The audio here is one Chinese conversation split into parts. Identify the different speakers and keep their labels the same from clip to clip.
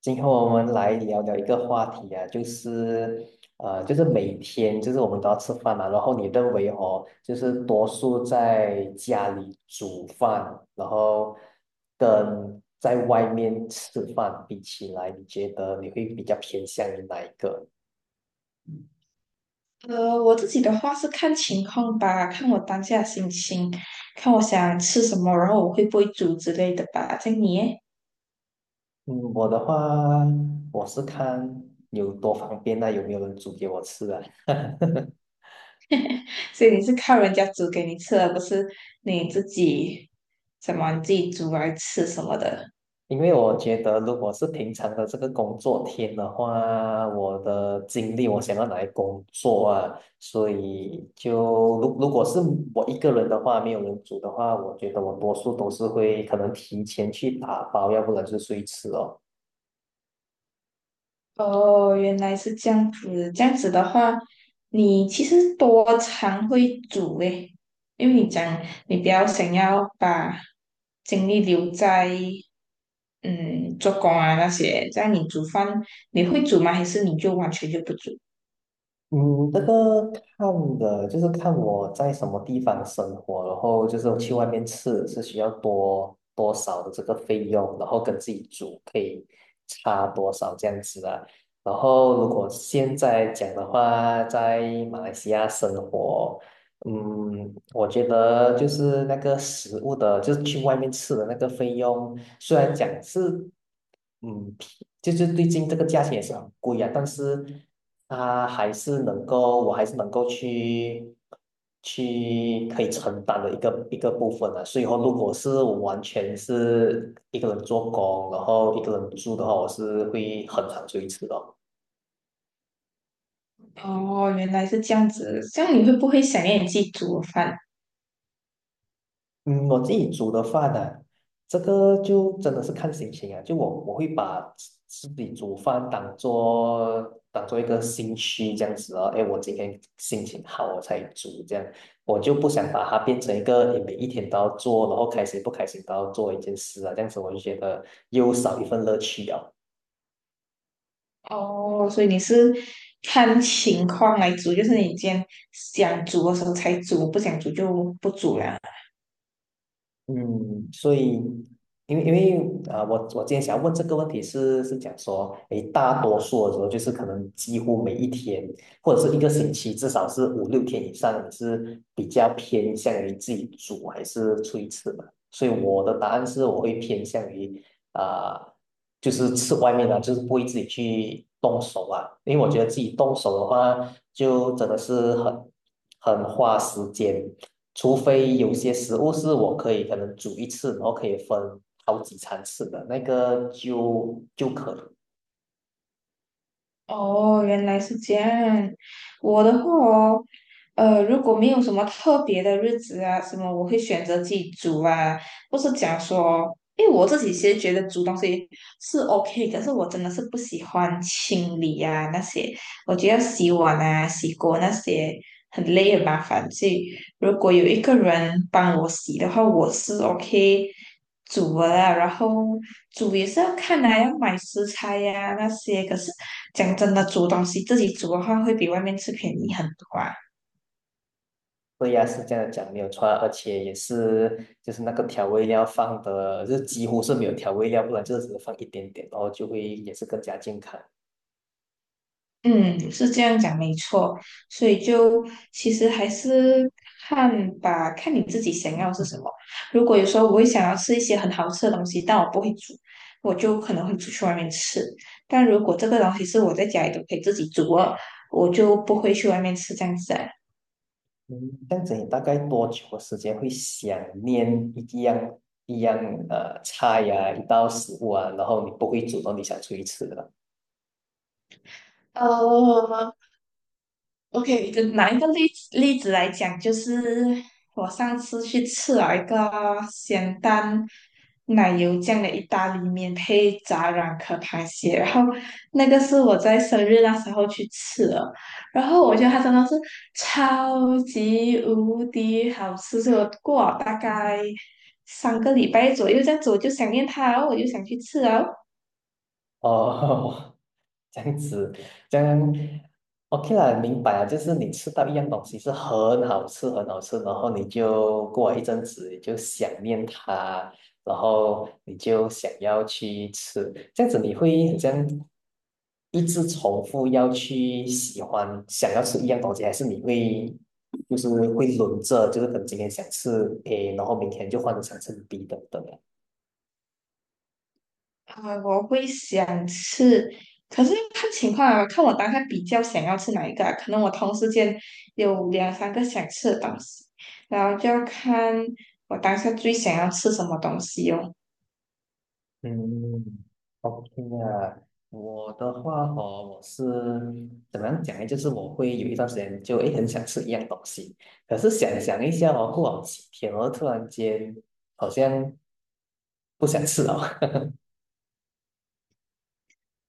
Speaker 1: 今天我们来聊聊一个话题啊，就是就是每天就是我们都要吃饭嘛，然后你认为哦，就是多数在家里煮饭，然后跟在外面吃饭比起来，你觉得你会比较偏向于哪一个？
Speaker 2: 我自己的话是看情况吧，看我当下心情，看我想吃什么，然后我会不会煮之类的吧。这样你耶，
Speaker 1: 嗯，我的话，我是看有多方便啊，有没有人煮给我吃啊？
Speaker 2: 所以你是靠人家煮给你吃，而不是你自己你自己煮来吃什么的。
Speaker 1: 因为我觉得，如果是平常的这个工作天的话，我的精力我想要拿来工作啊，所以如果是我一个人的话，没有人煮的话，我觉得我多数都是会可能提前去打包，要不然就是随吃哦。
Speaker 2: 哦，原来是这样子。这样子的话，你其实多常会煮诶，因为你讲你比较想要把精力留在嗯做工啊那些，这样你煮饭你会煮吗？还是你就完全就不煮？
Speaker 1: 嗯，这个看的，就是看我在什么地方生活，然后就是去外面吃是需要多多少的这个费用，然后跟自己煮可以差多少这样子啊。然后如果现在讲的话，在马来西亚生活，我觉得就是那个食物的，就是去外面吃的那个费用，虽然讲是，嗯，就是最近这个价钱也是很贵啊，但是他还是能够，我还是能够去去可以承担的一个部分啊。所以说，如果是我完全是一个人做工，然后一个人住的话，我是会很常追吃的。
Speaker 2: 哦，原来是这样子。这样你会不会想念你自己煮的饭？
Speaker 1: 嗯，我自己煮的饭呢、啊这个就真的是看心情啊。就我会把自己煮饭当做当做一个兴趣这样子哦。哎，我今天心情好，我才煮这样，我就不想把它变成一个诶每一天都要做，然后开心不开心都要做一件事啊。这样子我就觉得又少一份乐趣啊。
Speaker 2: 哦，所以你是看情况来煮，就是你今天想煮的时候才煮，不想煮就不煮了。
Speaker 1: 嗯，所以，因为我今天想要问这个问题是讲说，诶，大多数的时候就是可能几乎每一天或者是一个星期，至少是五六天以上，你是比较偏向于自己煮还是出去吃嘛？所以我的答案是，我会偏向于啊、呃就是吃外面的，就是不会自己去动手啊，因为我觉得自己动手的话，就真的是很花时间。除非有些食物是我可以可能煮一次，然后可以分好几餐吃的，那个就可以。
Speaker 2: 哦，原来是这样。我的话哦，如果没有什么特别的日子啊，什么我会选择自己煮啊，不是讲说，因为我自己其实觉得煮东西是 OK,可是我真的是不喜欢清理啊那些，我觉得洗碗啊、洗锅那些很累很麻烦，所以如果有一个人帮我洗的话，我是 OK 煮的啦。然后煮也是要看来要买食材呀、那些。可是讲真的，煮东西自己煮的话，会比外面吃便宜很多啊。
Speaker 1: 对呀，是这样讲没有错啊，而且也是就是那个调味料放的，就是几乎是没有调味料，不然就是只放一点点，然后就会也是更加健康。
Speaker 2: 嗯，是这样讲没错，所以就其实还是看吧，看你自己想要是什么。如果有时候我会想要吃一些很好吃的东西，但我不会煮，我就可能会出去外面吃。但如果这个东西是我在家里都可以自己煮了，我就不会去外面吃这样子啊。
Speaker 1: 嗯，这样子你大概多久的时间会想念一样呃菜呀、一道食物啊，然后你不会主动你想出去吃的？
Speaker 2: 哦，OK,就拿一个例子来讲，就是我上次去吃了一个咸蛋奶油酱的意大利面，配炸软壳螃蟹，然后那个是我在生日那时候去吃的，然后我觉得它真的是超级无敌好吃，所以我过了大概3个礼拜左右这样子，我就想念它，然后我就想去吃啊，
Speaker 1: 哦，这样子，这样 OK 啦，明白了。就是你吃到一样东西是很好吃，很好吃，然后你就过了一阵子，你就想念它，然后你就想要去吃，这样子你会很像一直重复要去喜欢，想要吃一样东西，还是你会就是会轮着，就是等今天想吃 A，然后明天就换成想吃 B 等等啊。
Speaker 2: 啊，我会想吃，可是看情况啊，看我当下比较想要吃哪一个啊可能我同时间有两三个想吃的东西，然后就要看我当下最想要吃什么东西哦。
Speaker 1: 嗯，OK 啊，我的话哦，我是怎么样讲呢？就是我会有一段时间就诶很想吃一样东西，可是想一下哦，过好几天哦，突然间好像不想吃了。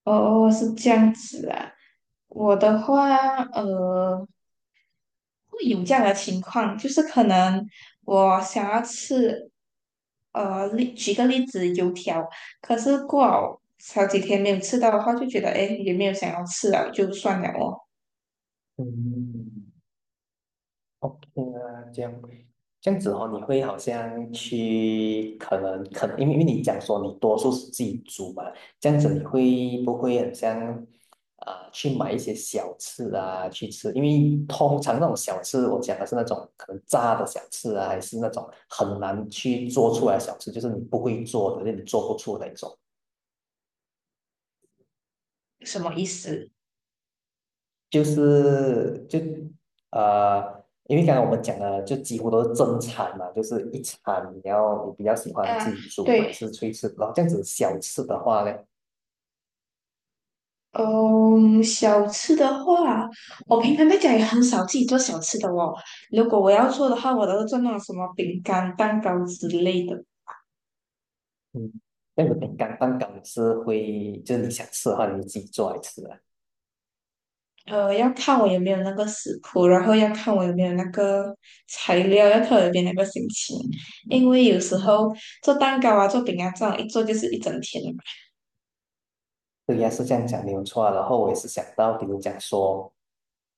Speaker 2: 哦，是这样子啊。我的话，会有这样的情况，就是可能我想要吃，例举个例子，油条，可是过好几天没有吃到的话，就觉得哎，诶也没有想要吃了，就算了哦，
Speaker 1: 嗯，OK 啊，这样子哦，你会好像去可能，因为你讲说你多数是自己煮嘛，这样子你会不会很像去买一些小吃啊去吃？因为通常那种小吃，我讲的是那种可能炸的小吃啊，还是那种很难去做出来的小吃，就是你不会做的，就你做不出的那种。
Speaker 2: 什么意思？
Speaker 1: 就是呃，因为刚才我们讲的就几乎都是正餐嘛，就是一餐你要你比较喜欢自
Speaker 2: 嗯，
Speaker 1: 己煮还
Speaker 2: 对，
Speaker 1: 是出去吃，然后这样子小吃的话呢，
Speaker 2: 嗯，小吃的话，我平常在家也很少自己做小吃的哦。如果我要做的话，我都是做那种什么饼干、蛋糕之类的。
Speaker 1: 嗯，那个饼干蛋糕是会就是你想吃的话你自己做来吃啊，
Speaker 2: 要看我有没有那个食谱，然后要看我有没有那个材料，要看我有没有那个心情。因为有时候做蛋糕啊、做饼干这样一做就是一整天。嘛。
Speaker 1: 对呀是这样讲没有错啊。然后我也是想到，比如讲说。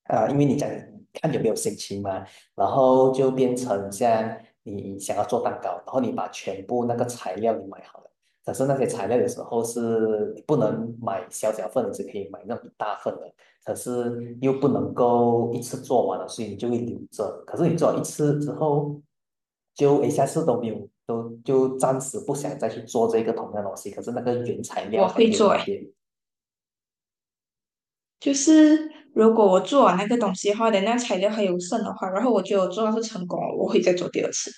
Speaker 1: 因为你讲看有没有心情嘛，然后就变成像你想要做蛋糕，然后你把全部那个材料你买好了，可是那些材料的时候是你不能买小小份的，只可以买那种一大份的，可是又不能够一次做完了，所以你就会留着。可是你做了一次之后，就一下次都没有，都就暂时不想再去做这个同样的东西，可是那个原材
Speaker 2: 哎，我
Speaker 1: 料还
Speaker 2: 会
Speaker 1: 留在
Speaker 2: 做
Speaker 1: 那
Speaker 2: 哎，
Speaker 1: 边，
Speaker 2: 就是如果我做完那个东西的话，等那材料还有剩的话，然后我觉得我做到是成功了，我会再做第二次。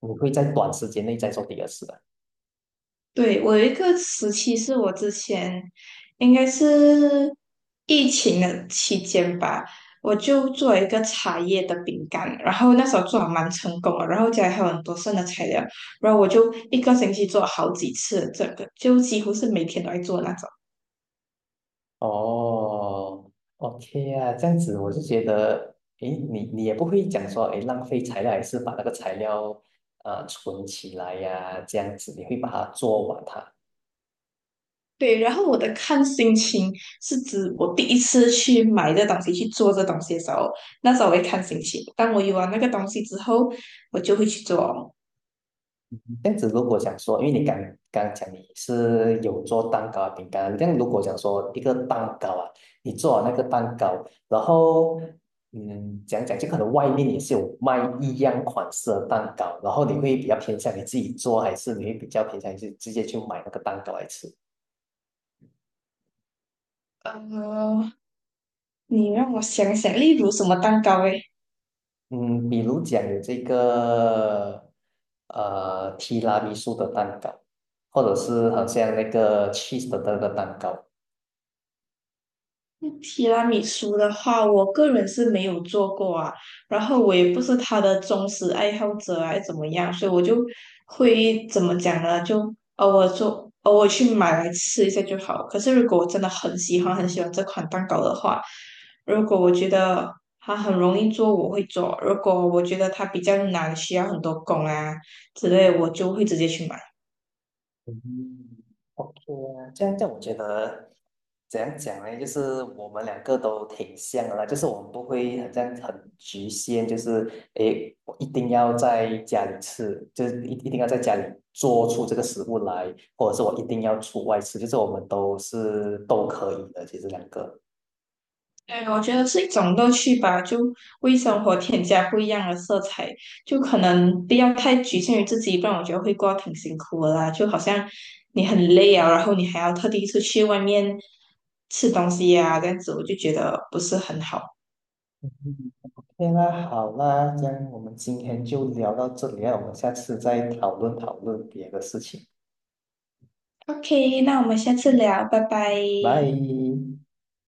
Speaker 1: 你会在短时间内再做第二次的。
Speaker 2: 对，我有一个时期是我之前应该是疫情的期间吧，我就做了一个茶叶的饼干，然后那时候做的蛮成功了，然后家里还有很多剩的材料，然后我就一个星期做好几次，这个就几乎是每天都在做那种。
Speaker 1: 哦，OK 啊，这样子我就觉得，诶，你也不会讲说，诶，浪费材料，还是把那个材料存起来呀、这样子你会把它做完它。
Speaker 2: 对，然后我的看心情是指我第一次去买这东西去做这东西的时候，那时候我会看心情，当我有了那个东西之后，我就会去做。
Speaker 1: 这样子如果讲说，因为你刚刚讲你是有做蛋糕、饼干，这样如果讲说一个蛋糕啊，你做完那个蛋糕，然后嗯，讲就可能外面也是有卖一样款式的蛋糕，然后你会比较偏向你自己做，还是你会比较偏向你是直接去买那个蛋糕来吃？
Speaker 2: 呃，你让我想想，例如什么蛋糕诶？
Speaker 1: 嗯，比如讲有这个提拉米苏的蛋糕，或者是好像那个 cheese 的那个蛋糕。
Speaker 2: 提拉米苏的话，我个人是没有做过啊，然后我也不是它的忠实爱好者啊，怎么样？所以我就会怎么讲呢？就偶尔做，偶尔去买来吃一下就好。可是如果我真的很喜欢很喜欢这款蛋糕的话，如果我觉得它很容易做，我会做；如果我觉得它比较难，需要很多工啊之类，我就会直接去买。
Speaker 1: 嗯，OK 啊，这样我觉得怎样讲呢？就是我们两个都挺像的啦，就是我们不会好像很局限，就是诶，我一定要在家里吃，就是一定要在家里做出这个食物来，或者是我一定要出外吃，就是我们都是都可以的，其实两个。
Speaker 2: 对，我觉得是一种乐趣吧，就为生活添加不一样的色彩，就可能不要太局限于自己，不然我觉得会过得挺辛苦的啦。就好像你很累啊，然后你还要特地出去外面吃东西呀、啊，这样子我就觉得不是很好。
Speaker 1: 嗯 OK 啦好啦，这样我们今天就聊到这里啊，我们下次再讨论别的事情，
Speaker 2: OK,那我们下次聊，拜拜。
Speaker 1: 拜。